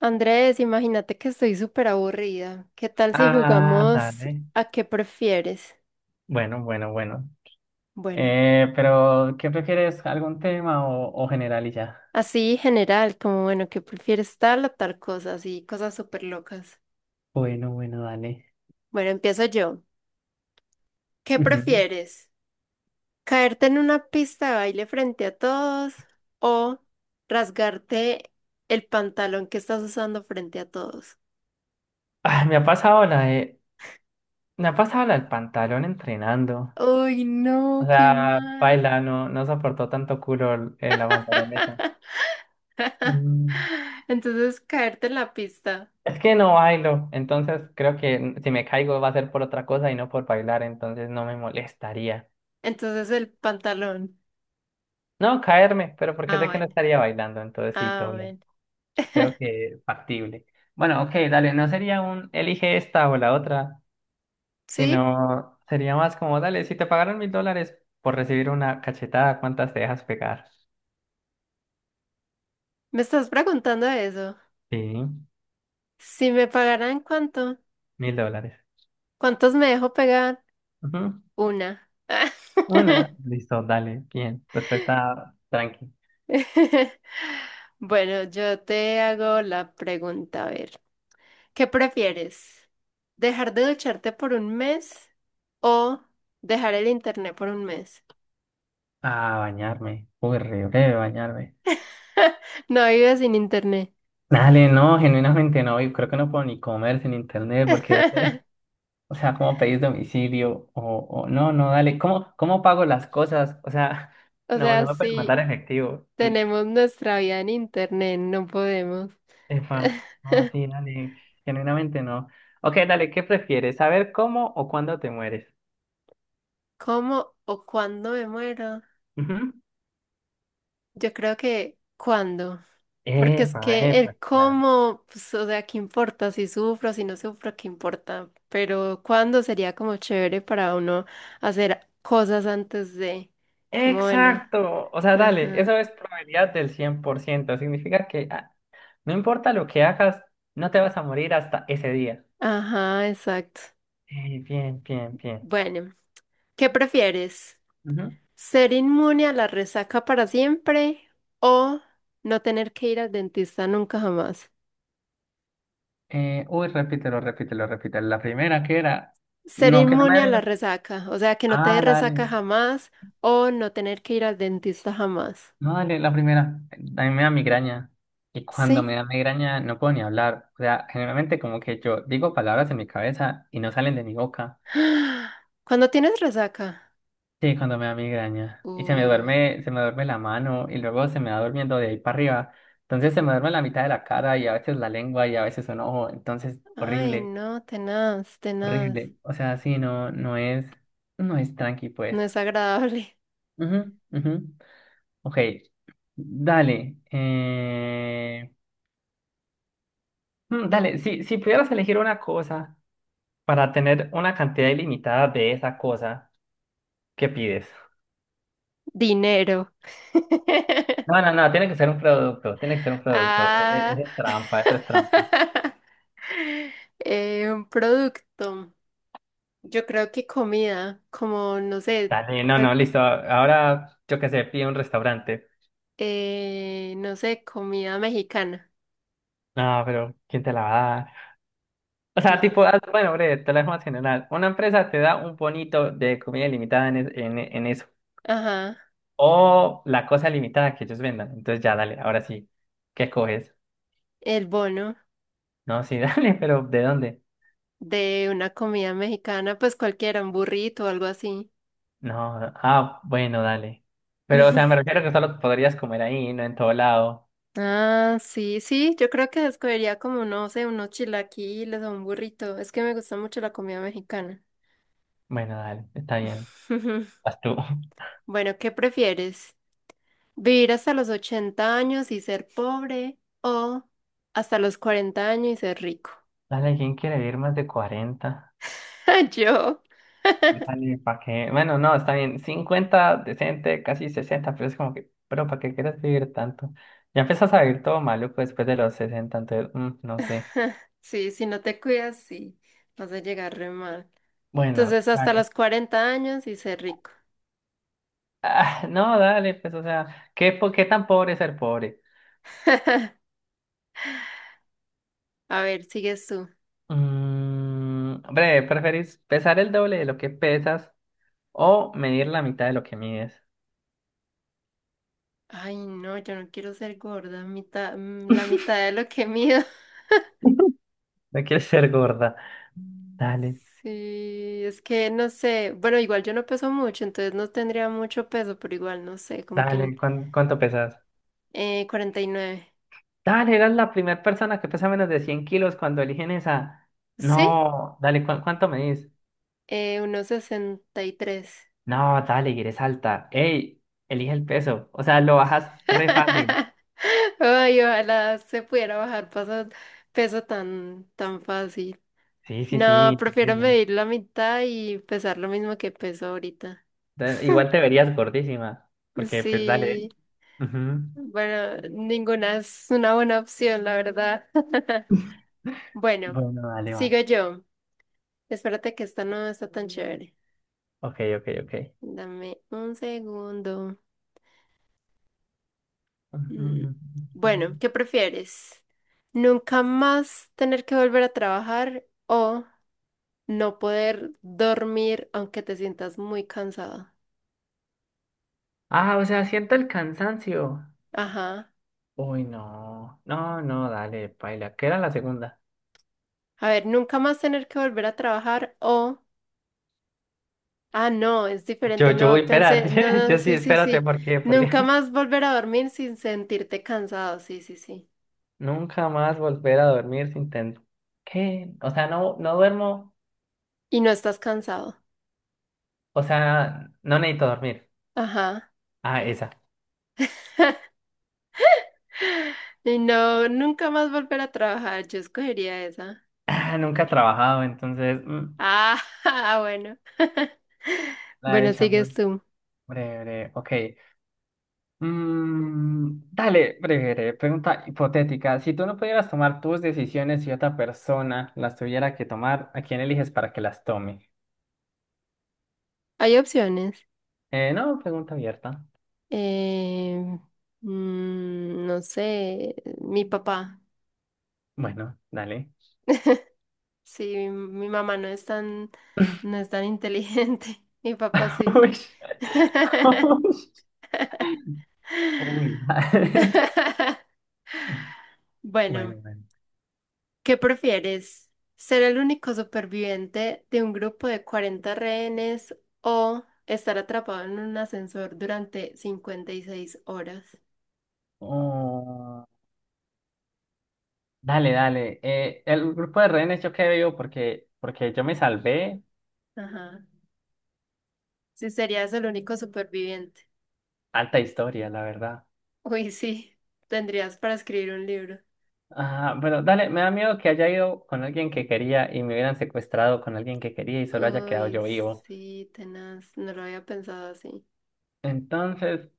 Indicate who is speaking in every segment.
Speaker 1: Andrés, imagínate que estoy súper aburrida. ¿Qué tal si jugamos
Speaker 2: Dale.
Speaker 1: a qué prefieres?
Speaker 2: Bueno, bueno, bueno.
Speaker 1: Bueno,
Speaker 2: Pero, ¿qué prefieres? ¿Algún tema o general y ya?
Speaker 1: así general, como bueno, ¿qué prefieres tal o tal cosa? Así, cosas súper locas.
Speaker 2: Bueno, bueno, dale.
Speaker 1: Bueno, empiezo yo. ¿Qué
Speaker 2: Ujú.
Speaker 1: prefieres? ¿Caerte en una pista de baile frente a todos o rasgarte el pantalón que estás usando frente a todos?
Speaker 2: Ah, me ha pasado la del pantalón entrenando.
Speaker 1: Uy, no,
Speaker 2: O
Speaker 1: qué
Speaker 2: sea,
Speaker 1: mal.
Speaker 2: baila, no, no soportó tanto culo la pantaloneta. Mm.
Speaker 1: Entonces, caerte en la pista.
Speaker 2: Es que no bailo, entonces creo que si me caigo va a ser por otra cosa y no por bailar, entonces no me molestaría.
Speaker 1: Entonces el pantalón.
Speaker 2: No, caerme, pero porque
Speaker 1: Ah,
Speaker 2: sé que no
Speaker 1: bueno.
Speaker 2: estaría bailando, entonces sí,
Speaker 1: Ah,
Speaker 2: todo bien.
Speaker 1: bueno.
Speaker 2: Creo que factible. Bueno, ok, dale, no sería un elige esta o la otra,
Speaker 1: Sí,
Speaker 2: sino sería más como, dale, si te pagaron $1,000 por recibir una cachetada, ¿cuántas te dejas pegar?
Speaker 1: me estás preguntando eso.
Speaker 2: Sí,
Speaker 1: Si me pagaran cuánto,
Speaker 2: $1,000.
Speaker 1: ¿cuántos me dejo pegar?
Speaker 2: Ujú.
Speaker 1: Una.
Speaker 2: Una, listo, dale, bien. Respuesta tranqui.
Speaker 1: Bueno, yo te hago la pregunta, a ver. ¿Qué prefieres? ¿Dejar de ducharte por un mes o dejar el internet por un mes?
Speaker 2: A bañarme. Uy, re breve bañarme.
Speaker 1: No vives sin internet.
Speaker 2: Dale, no, genuinamente no, y creo que no puedo ni comer sin internet, porque dale. O sea, ¿cómo pedís domicilio? O no, no, dale, ¿cómo pago las cosas? O sea,
Speaker 1: O
Speaker 2: no,
Speaker 1: sea,
Speaker 2: no me puedes
Speaker 1: sí.
Speaker 2: mandar efectivo. Mm.
Speaker 1: Tenemos nuestra vida en internet, no podemos.
Speaker 2: Epa, no, sí, dale, genuinamente no. Ok, dale, ¿qué prefieres? ¿Saber cómo o cuándo te mueres?
Speaker 1: ¿Cómo o cuándo me muero?
Speaker 2: Ujú.
Speaker 1: Yo creo que cuándo. Porque es
Speaker 2: Epa,
Speaker 1: que
Speaker 2: epa,
Speaker 1: el
Speaker 2: claro.
Speaker 1: cómo, pues, o sea, ¿qué importa? Si sufro, si no sufro, ¿qué importa? Pero cuándo sería como chévere para uno hacer cosas antes de, como bueno,
Speaker 2: Exacto. O sea, dale,
Speaker 1: ajá,
Speaker 2: eso es probabilidad del 100%. Significa que no importa lo que hagas, no te vas a morir hasta ese día.
Speaker 1: ajá, exacto.
Speaker 2: Bien, bien,
Speaker 1: Bueno, ¿qué prefieres?
Speaker 2: bien.
Speaker 1: ¿Ser inmune a la resaca para siempre o no tener que ir al dentista nunca jamás?
Speaker 2: Uy, repítelo, repítelo, repítelo. La primera que era.
Speaker 1: Ser
Speaker 2: No, que no me
Speaker 1: inmune a la
Speaker 2: da.
Speaker 1: resaca, o sea, que no te dé
Speaker 2: Ah,
Speaker 1: resaca
Speaker 2: dale.
Speaker 1: jamás o no tener que ir al dentista jamás.
Speaker 2: No, dale, la primera. A mí me da migraña. Y cuando me
Speaker 1: ¿Sí?
Speaker 2: da migraña no puedo ni hablar. O sea, generalmente como que yo digo palabras en mi cabeza y no salen de mi boca.
Speaker 1: ¿Cuándo tienes resaca?
Speaker 2: Sí, cuando me da migraña. Y
Speaker 1: Uy,
Speaker 2: se me duerme la mano y luego se me va durmiendo de ahí para arriba. Entonces se me duerme la mitad de la cara y a veces la lengua y a veces un ojo. Entonces,
Speaker 1: ay,
Speaker 2: horrible,
Speaker 1: no, tenaz, tenaz.
Speaker 2: horrible. O sea, sí, no, no es tranqui,
Speaker 1: No
Speaker 2: pues.
Speaker 1: es agradable.
Speaker 2: Ujú, ujú. Ok, dale. Dale, si pudieras elegir una cosa para tener una cantidad ilimitada de esa cosa, ¿qué pides?
Speaker 1: Dinero.
Speaker 2: No, no, no, tiene que ser un producto, tiene que ser un producto.
Speaker 1: Ah.
Speaker 2: Eres trampa, eso es trampa.
Speaker 1: Un producto. Yo creo que comida, como no sé,
Speaker 2: Dale, no, no,
Speaker 1: cual-
Speaker 2: listo. Ahora, yo qué sé, pide un restaurante.
Speaker 1: no sé, comida mexicana.
Speaker 2: No, pero ¿quién te la va a dar? O sea,
Speaker 1: No.
Speaker 2: tipo,
Speaker 1: sé.
Speaker 2: ah, bueno, breve, te la dejo más general. Una empresa te da un bonito de comida ilimitada en, es- en eso.
Speaker 1: Ajá,
Speaker 2: O la cosa limitada que ellos vendan. Entonces ya, dale, ahora sí. ¿Qué coges?
Speaker 1: el bono
Speaker 2: No, sí, dale, pero ¿de dónde?
Speaker 1: de una comida mexicana, pues cualquiera, un burrito o algo así.
Speaker 2: No, no, ah, bueno, dale. Pero, o sea, me refiero que solo podrías comer ahí, no en todo lado.
Speaker 1: Ah, sí, sí, yo creo que escogería como, no sé, unos chilaquiles o un burrito. Es que me gusta mucho la comida mexicana.
Speaker 2: Bueno, dale, está bien. Vas tú.
Speaker 1: Bueno, ¿qué prefieres? ¿Vivir hasta los 80 años y ser pobre o hasta los 40 años y ser rico?
Speaker 2: Dale, ¿quién quiere vivir más de 40?
Speaker 1: Yo.
Speaker 2: Dale, ¿para qué? Bueno, no, está bien. 50 decente, casi 60, pero es como que, pero ¿para qué quieres vivir tanto? Ya empiezas a vivir todo maluco después de los 60 entonces, no sé.
Speaker 1: Sí, si no te cuidas, sí, vas a llegar re mal.
Speaker 2: Bueno.
Speaker 1: Entonces, hasta los 40 años y ser rico.
Speaker 2: Ah, no, dale, pues, o sea, ¿qué, qué tan pobre es ser pobre?
Speaker 1: A ver, sigues tú.
Speaker 2: Hombre, ¿preferís pesar el doble de lo que pesas o medir la mitad de lo que mides?
Speaker 1: Ay, no, yo no quiero ser gorda, mitad, la mitad de lo que mido.
Speaker 2: No quieres ser gorda. Dale,
Speaker 1: Sí, es que no sé. Bueno, igual yo no peso mucho, entonces no tendría mucho peso, pero igual no sé, como que en-
Speaker 2: dale, ¿cuánto pesas?
Speaker 1: 49.
Speaker 2: Dale, eras la primera persona que pesa menos de 100 kilos cuando eligen esa.
Speaker 1: Sí,
Speaker 2: No, dale, ¿cuánto medís?
Speaker 1: unos 63.
Speaker 2: No, dale, y eres alta. Ey, elige el peso. O sea, lo bajas re fácil.
Speaker 1: Ay, ojalá se pudiera bajar paso, peso tan, tan fácil.
Speaker 2: Sí, sí,
Speaker 1: No,
Speaker 2: sí. Sí, sí,
Speaker 1: prefiero
Speaker 2: sí.
Speaker 1: medir la mitad y pesar lo mismo que peso ahorita.
Speaker 2: Igual te verías gordísima, porque pues dale.
Speaker 1: Sí,
Speaker 2: Ujú.
Speaker 1: bueno, ninguna es una buena opción, la verdad. Bueno,
Speaker 2: Bueno, dale, va.
Speaker 1: sigo yo. Espérate que esta no está tan chévere.
Speaker 2: Ok, ok, ok.
Speaker 1: Dame un segundo. Mm,
Speaker 2: Ujú.
Speaker 1: Bueno, ¿qué prefieres? ¿Nunca más tener que volver a trabajar o no poder dormir aunque te sientas muy cansado?
Speaker 2: Ah, o sea, siento el cansancio.
Speaker 1: Ajá.
Speaker 2: Uy, no. No, no, dale, paila. ¿Qué era la segunda?
Speaker 1: A ver, nunca más tener que volver a trabajar o ah, no, es
Speaker 2: Yo,
Speaker 1: diferente,
Speaker 2: yo voy,
Speaker 1: no, pensé,
Speaker 2: espérate.
Speaker 1: no, no,
Speaker 2: Yo sí,
Speaker 1: sí, sí,
Speaker 2: espérate,
Speaker 1: sí.
Speaker 2: ¿por qué? Porque
Speaker 1: Nunca más volver a dormir sin sentirte cansado, sí, sí, sí.
Speaker 2: nunca más volver a dormir sin tener. ¿Qué? O sea, no, no duermo.
Speaker 1: Y no estás cansado.
Speaker 2: O sea, no necesito dormir.
Speaker 1: Ajá.
Speaker 2: Ah, esa.
Speaker 1: Y no, nunca más volver a trabajar, yo escogería esa.
Speaker 2: Ah, nunca he trabajado, entonces.
Speaker 1: Ah, ah, bueno.
Speaker 2: La de
Speaker 1: Bueno, sigues
Speaker 2: champion.
Speaker 1: tú.
Speaker 2: Breve, breve. Ok. Dale, breve, pregunta hipotética. Si tú no pudieras tomar tus decisiones y otra persona las tuviera que tomar, ¿a quién eliges para que las tome?
Speaker 1: Hay opciones.
Speaker 2: No, pregunta abierta.
Speaker 1: Eh, no sé, mi papá.
Speaker 2: Bueno, dale.
Speaker 1: Sí, mi mamá no es tan, no es tan inteligente. Mi papá sí.
Speaker 2: Uy, uy, uy, dale.
Speaker 1: Bueno,
Speaker 2: Bueno, bueno.
Speaker 1: ¿qué prefieres? ¿Ser el único superviviente de un grupo de 40 rehenes o estar atrapado en un ascensor durante 56 horas?
Speaker 2: Oh, dale, dale. El grupo de rehenes yo qué veo porque yo me salvé.
Speaker 1: Ajá. Si serías el único superviviente.
Speaker 2: Alta historia, la verdad.
Speaker 1: Uy, sí. Tendrías para escribir un libro.
Speaker 2: Ah, bueno, dale, me da miedo que haya ido con alguien que quería y me hubieran secuestrado con alguien que quería y solo haya quedado
Speaker 1: Uy,
Speaker 2: yo vivo.
Speaker 1: sí, tenaz. No lo había pensado así.
Speaker 2: Entonces,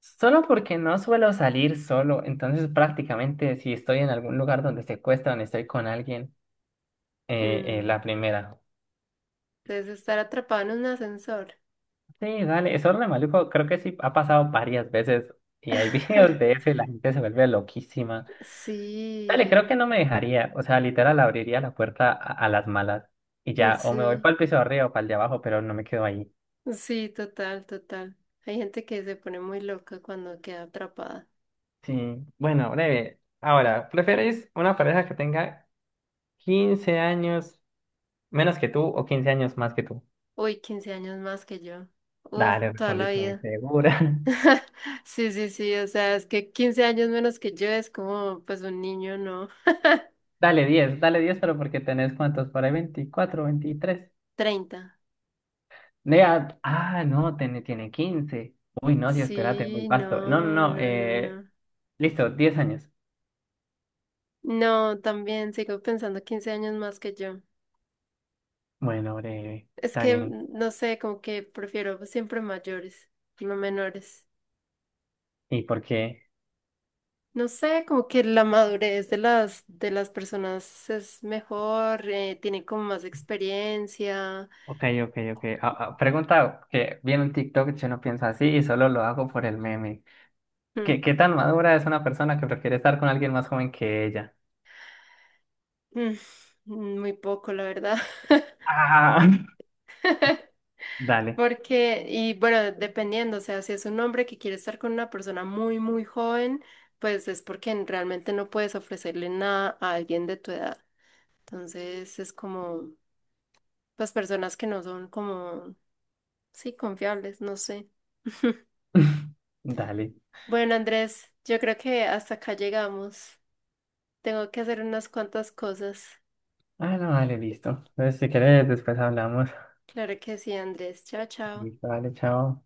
Speaker 2: solo porque no suelo salir solo, entonces prácticamente si estoy en algún lugar donde secuestran, estoy con alguien,
Speaker 1: Mm,
Speaker 2: la primera.
Speaker 1: Entonces, estar atrapado en un ascensor.
Speaker 2: Sí, dale, eso re maluco, creo que sí ha pasado varias veces y hay videos de eso y la gente se vuelve loquísima. Dale,
Speaker 1: Sí,
Speaker 2: creo que no me dejaría, o sea, literal abriría la puerta a las malas y ya, o me voy
Speaker 1: sí.
Speaker 2: para el piso de arriba o para el de abajo, pero no me quedo ahí.
Speaker 1: Sí, total, total. Hay gente que se pone muy loca cuando queda atrapada.
Speaker 2: Sí, bueno, breve. Ahora, ¿prefieres una pareja que tenga 15 años menos que tú o 15 años más que tú?
Speaker 1: Uy, 15 años más que yo. Uf,
Speaker 2: Dale,
Speaker 1: toda la
Speaker 2: respondiste muy
Speaker 1: vida.
Speaker 2: segura.
Speaker 1: Sí, sí, sí, o sea, es que 15 años menos que yo es como, pues un niño, ¿no?
Speaker 2: Dale 10, dale 10, pero porque tenés cuántos, por ahí 24, 23.
Speaker 1: 30.
Speaker 2: Nea, ah, no, tiene 15. Uy, no, sí, espérate, muy
Speaker 1: Sí,
Speaker 2: vasto. No, no,
Speaker 1: no,
Speaker 2: no,
Speaker 1: no, no, no.
Speaker 2: listo, 10 años.
Speaker 1: No, también sigo pensando 15 años más que yo.
Speaker 2: Bueno, breve,
Speaker 1: Es
Speaker 2: está
Speaker 1: que,
Speaker 2: bien.
Speaker 1: no sé, como que prefiero siempre mayores, no menores.
Speaker 2: ¿Y por qué?
Speaker 1: No sé, como que la madurez de las personas es mejor, tienen como más experiencia.
Speaker 2: Ok, ok, ok. Ah, ah, pregunta que viene un TikTok, yo no pienso así y solo lo hago por el meme.
Speaker 1: Mm,
Speaker 2: ¿Qué tan madura es una persona que prefiere estar con alguien más joven que ella?
Speaker 1: mm, Muy poco, la verdad.
Speaker 2: Ah, Dale.
Speaker 1: Porque, y bueno, dependiendo, o sea, si es un hombre que quiere estar con una persona muy, muy joven, pues es porque n- realmente no puedes ofrecerle nada a alguien de tu edad. Entonces es como, pues personas que no son como, sí, confiables, no sé.
Speaker 2: Dale.
Speaker 1: Bueno, Andrés, yo creo que hasta acá llegamos. Tengo que hacer unas cuantas cosas.
Speaker 2: Ah, no, dale, listo. Entonces, si quieres, después hablamos.
Speaker 1: Claro que sí, Andrés. Chao, chao.
Speaker 2: Listo, dale, chao.